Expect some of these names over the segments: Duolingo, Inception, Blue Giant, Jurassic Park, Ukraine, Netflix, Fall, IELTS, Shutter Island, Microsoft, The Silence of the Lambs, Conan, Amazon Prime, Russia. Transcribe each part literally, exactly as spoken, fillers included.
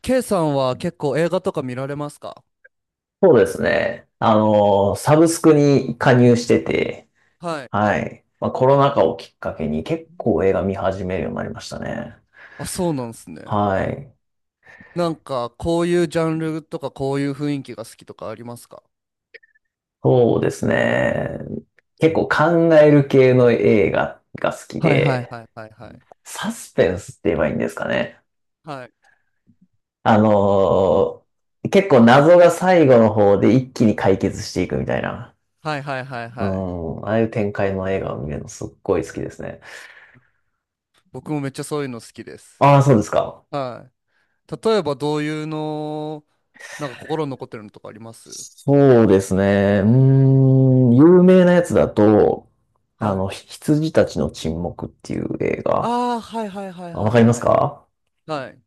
K さんは結構映画とか見られますか？そうですね。あの、サブスクに加入してて、はい。はい。まあ、コロナ禍をきっかけに結構映画見始めるようになりましたね。あ、そうなんですね。はい。なんか、こういうジャンルとか、こういう雰囲気が好きとかありますか？そうですね。結構考える系の映画が好きはいはいで、はいはいはい。サスペンスって言えばいいんですかね。はい。あの、結構謎が最後の方で一気に解決していくみたいな。はいはいはいうはい。ん。ああいう展開の映画を見るのすっごい好きですね。僕もめっちゃそういうの好きです。ああ、そうですか。はい。例えば、どういうの、なんか心に残ってるのとかあります？そうですね。うーん、有名なやつだと、あはの、い。ひ羊たちの沈黙っていう映画。ああ、はいはいはいあ、わはかいりますはい。か？はい。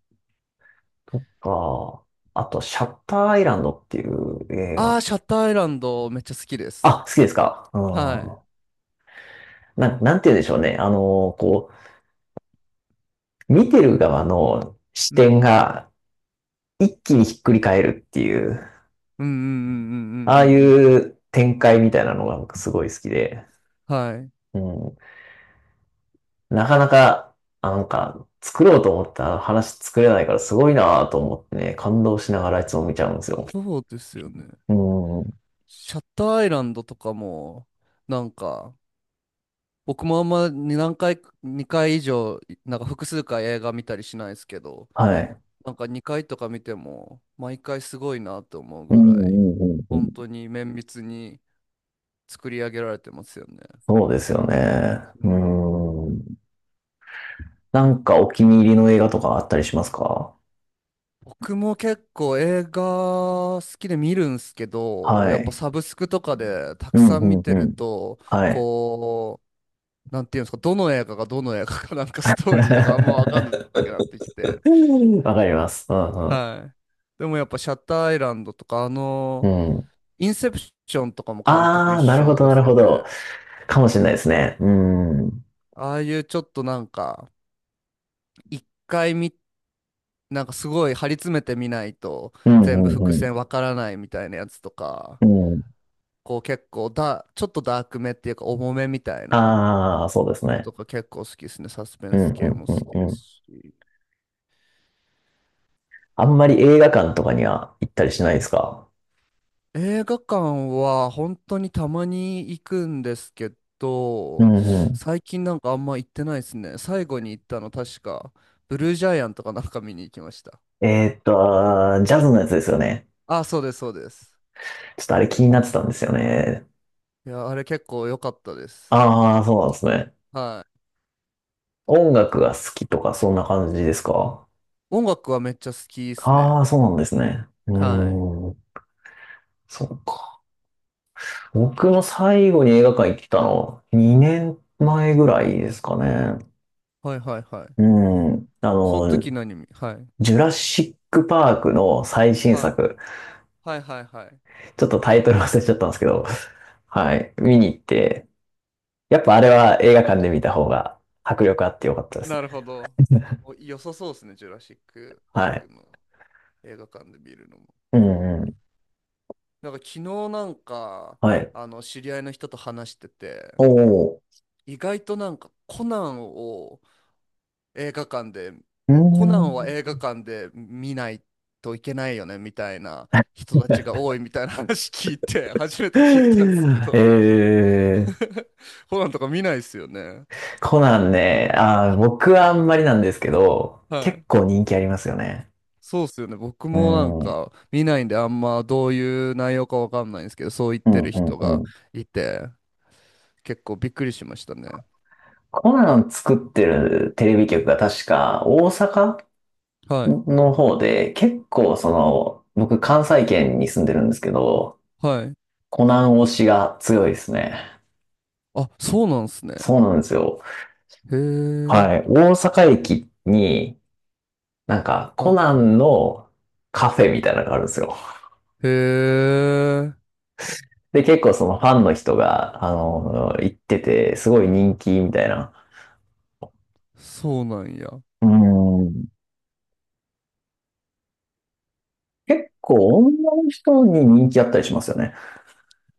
とか、あと、シャッターアイランドっていう映あ画。あ、シャッターアイランドめっちゃ好きです。あ、好きですか？はい。うん。な、なんて言うんでしょうね。あの、こう、見てる側の視う点ん。が一気にひっくり返るっていう、うんうんうんうんうああいんうんう展開みたいなのが僕すごい好きで。うん。はい。うん。なかなか、あ、なんか、作ろうと思った話作れないからすごいなぁと思ってね、感動しながらいつも見ちゃうんですよ。そうですよね。うん。シャッターアイランドとかも、なんか、僕もあんまに何回、にかい以上、なんか複数回映画見たりしないですけど、はい。なんかにかいとか見ても、毎回すごいなと思ううんうぐんらい、うんうん。本当に綿密に作り上げられてますよね。そうですよね。うん。うん。なんかお気に入りの映画とかあったりしますか？僕も結構映画好きで見るんすけど、はやっぱい。サブスクとかでたうくんさん見うんてうるん。と、はい。こう、なんていうんですか、どの映画がどの映画かなんかストーリーとかあんまわかんな くなってきて。わかります。うんうん。はい。でもやっぱシャッターアイランドとか、あうの、ん。インセプションとかも監督一あー、なるほ緒どでなるすよほね。ど。かもしれないですね。うん。うんああいうちょっとなんか、一回見、なんかすごい張り詰めてみないとう全部伏ん線わからないみたいなやつとか、うん。うん。こう結構だ、ちょっとダークめっていうか重めみたいなあー、そうですのね。とか結構好きですね。サスペうンんスう系んも好きうんでうすん。し。あんまり映画館とかには行ったりしないですか？映画館は本当にたまに行くんですけうど、んう最近なんかあんま行ってないですね。最後に行ったの確か、ブルージャイアンとかなんか見に行きました。ん。えーっと、あー、ジャズのやつですよね。あ、そうです、そうです。ちょっとあれ気になってたんですよね。いや、あれ結構良かったです。ああ、そうなんですね。はい。音楽が好きとかそんな感じですか？音楽はめっちゃ好きですあね。あー、そうなんですね。うはい。ーん、そうか。僕も最後に映画館行ったのにねんまえぐらいですかね。はいはいはうい。ん。あそのの、時何見、はい。ジュラシックパークの最新はい。作。はいはいはい。ちょっとタイトル忘れちゃったんですけど、はい。見に行って、やっぱあれは映画館で見た方が迫力あってよかったですなるね。ほど。お、良さそうですね、ジュラシック・パーはクい。の映画館で見るのも。うんうん。なんか昨日なんか、はい。あの、知り合いの人と話してて、おー。意外となんかコナンを映画館で、うーコナンは映ん。画館で見ないといけないよね、みたいな人たちが多いみたいな話聞いて、初めて聞いたんですけ えど、ー、コナンとか見ないですよね。コナンね、あー、僕はあんまりなんですけど、は結い。構人気ありますよね。そうっすよね。僕うもなんん。うんか見ないんであんまどういう内容かわかんないんですけど、そう言っうてんる人うがん。いて、結構びっくりしましたね。コナン作ってるテレビ局が確か大阪はい。の方で、結構その、僕関西圏に住んでるんですけど、はい。コナン推しが強いですね。あ、そうなんすね。そうなんですよ。へえ。はい。大阪駅に、なんか、コはナンのカフェみたいなのがあるんですよ。い。へえ。で、結構そのファンの人が、あの、行ってて、すごい人気みたいな。そうなんや。うーん。結構女の人に人気あったりしますよね。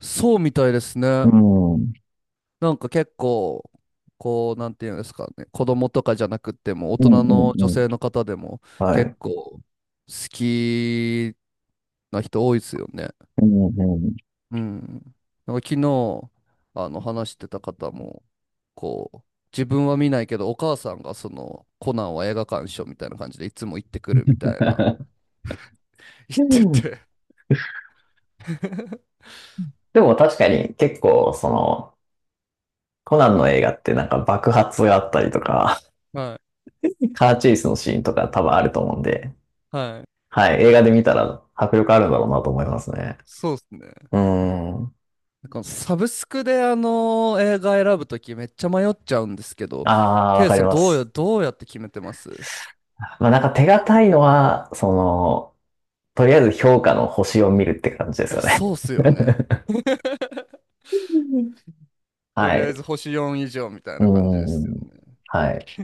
そうみたいですうね。ーん。うんなんか結構、こう、なんていうんですかね。子供とかじゃなくても、大うん人の女うん。性の方でもは結い。構好きな人多いですよね。うんうんうん。うん。なんか昨日、あの、話してた方も、こう、自分は見ないけど、お母さんがその、コナンは映画鑑賞みたいな感じでいつも行ってくるみたい な。行ってて。でも確かに結構その、コナンの映画ってなんか爆発があったりとか、はい。カーチェイスのシーンとか多分あると思うんで、はい。はい、映画で見たら迫力あるんだろうなと思いますね。そうですね。うーん。なんかサブスクであの映画選ぶときめっちゃ迷っちゃうんですけど、ああ、わケイかりさんまどうや、す。どうやって決めてます？まあなんか手堅いのは、その、とりあえず評価の星を見るって感じですえ、よね。そうっすよ ね。とはりあえい。ず星よん以上みたいうな感じでーすよん。ね。はい。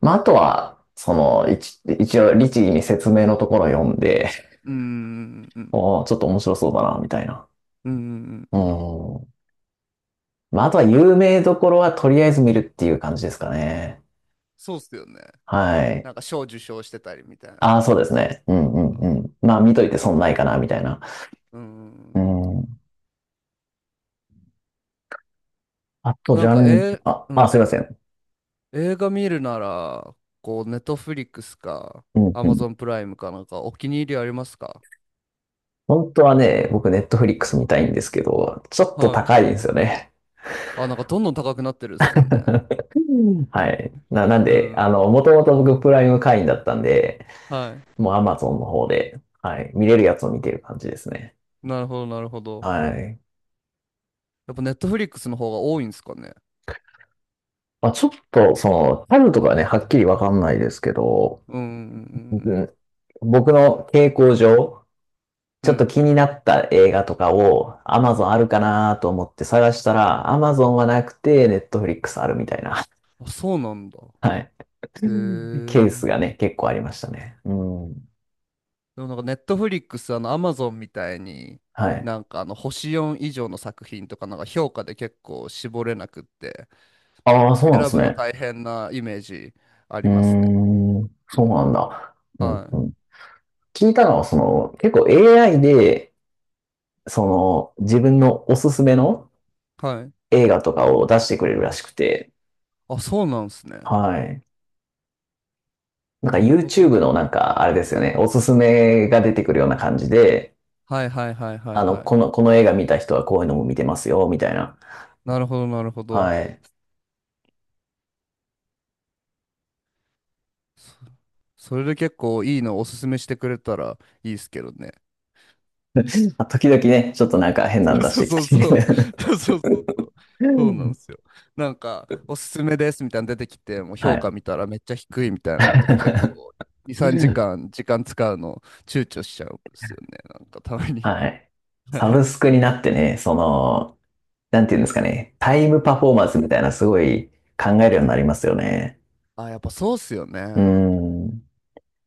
まあ、あとは、その、一、一応、律儀に説明のところを読んで、うーん、うん、おー、ちょっと面白そうだな、みたいな。うん、うん、ううん。ーん。まあ、あとは有名どころはとりあえず見るっていう感じですかね。そうっすよね。はい。なんか賞受賞してたりみたいああ、なそうですね。うとこんうとか。んうん。まあ、見とういてん、損ないかな、みたいな。うん、ううんうんうん。ん。あと、なジんャか、ンル、えー、あ、うあ、すん、いません。映画見るなら、こう、ネットフリックスか、うんアうマん。ゾンプライムかなんか、お気に入りありますか？本当はね、僕、ネットフリックス見たいんですけど、ちょっとはい。高いんですよね。あ、なんかどんどん高くなってるっすよね。うん、はい。な、なんうで、あの、もとん。もと僕、プライム会員だったんで、はもう Amazon の方で、はい、見れるやつを見てる感じですね。い。なるほど、なるほはど。い。やっぱネットフリックスの方が多いんですかね。まあ、ちょっと、その、タルとかね、はっきりわかんないですけど、うん、ううん、ん、僕の傾向上、うちょん。っうとん。気になった映画とかを Amazon あるかなと思って探したら Amazon はなくて Netflix あるみたいな、あ、そうなんだ。はい。へ ケースえ。がね、結構ありましたね。うん。でもなんかネットフリックス、あの、アマゾンみたいに、はい。なんかあの、星よん以上の作品とか、なんか評価で結構絞れなくって、ああ、そうなんで選すぶのね。大変なイメージあうりーますね。ん。うそうなんん。だ。うんはうい。ん。聞いたのは、その、結構 エーアイ で、その、自分のおすすめのはい。映画とかを出してくれるらしくて、あ、そうなんですね。はい。なんか なるほど。YouTube のなんか、あれですよね、おすすめが出てくるような感じで、はいはいはいはいあの、はい。この、この映画見た人はこういうのも見てますよ、みたいな。なるほどなるほど。はい。そ、それで結構いいのおすすめしてくれたらいいですけどね。まあ時々ね、ちょっとなんか変なん 出しそうそうてそうきたそう。り。そうそうそう。そうなんですよ。なんか、おすすめですみたいなの出てきて、もうは評価い。見たらめっちゃ低いみたいなのとか結構 に、3時間時間使うの躊躇しちゃうんですよね。なんかたまに。はい。はサい。ブスクになってね、その、なんていうんですかね、タイムパフォーマンスみたいなすごい考えるようになりますよね。あ、やっぱそうっすようね。ん。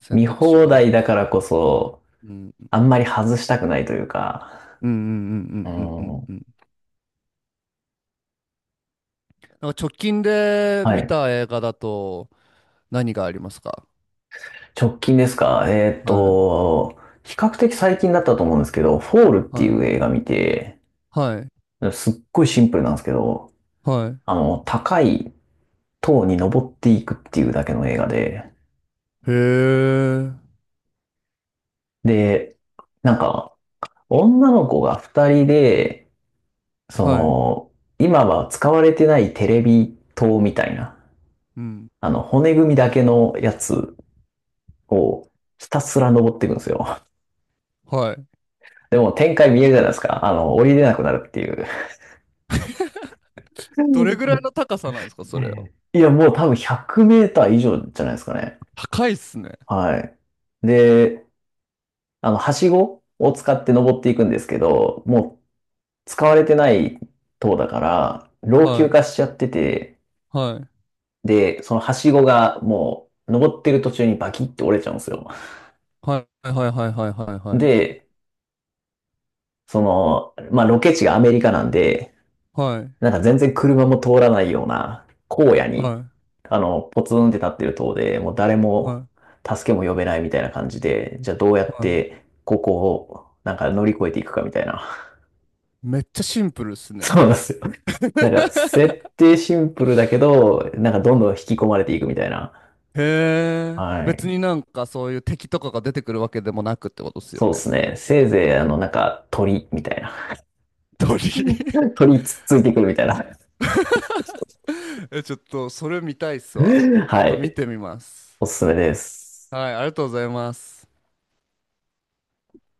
選見択肢放が多題いでだかす。らこそ、うんあんまり外したくないというか。うんうんうんううんうんうん。んうん。なんか直近では見い。た映画だと何がありますか？直近ですか？えーっはい。と、比較的最近だったと思うんですけど、フォールっていはう映い。画見て、はい。すっごいシンプルなんですけど、はあの、高い塔に登っていくっていうだけの映画で、い。へえ。で、なんか、女の子が二人で、そはい。の、今は使われてないテレビ塔みたいな、うん。あの、骨組みだけのやつをひたすら登っていくんですよ。はい。でも展開見えるじゃないですか。あの、降りれなくなるっていう。どれぐらいの高さなんですか、えそれは。え、いや、もう多分ひゃくメーター以上じゃないですかね。高いっすね。はい。で、あの、はしごを使って登っていくんですけど、もう使われてない塔だから、老は朽い。化しちゃってて、はい。で、そのはしごがもう登ってる途中にバキって折れちゃうんですよ。はいはいはいはいはいはい。で、その、まあ、ロケ地がアメリカなんで、はい。なんか全然車も通らないような荒野はに、あの、ポツンって立ってる塔で、もう誰いもはい助けも呼べないみたいな感じで、じゃあどうやっはてここをなんか乗り越えていくかみたいな。い。めっちゃシンプルっす ね。そうなんですよ。なんか設 定シンプルだけど、なんかどんどん引き込まれていくみたいな。へえ。は別い。になんかそういう敵とかが出てくるわけでもなくってことっすよそうでね。すね。せいぜいあの、なんか鳥みたいな。鳥。鳥つっついてくるみたいな。え、ちょっと、それ見たいっすわ。ちょはっと見い。てみます。おすすめです。はい、ありがとうございます。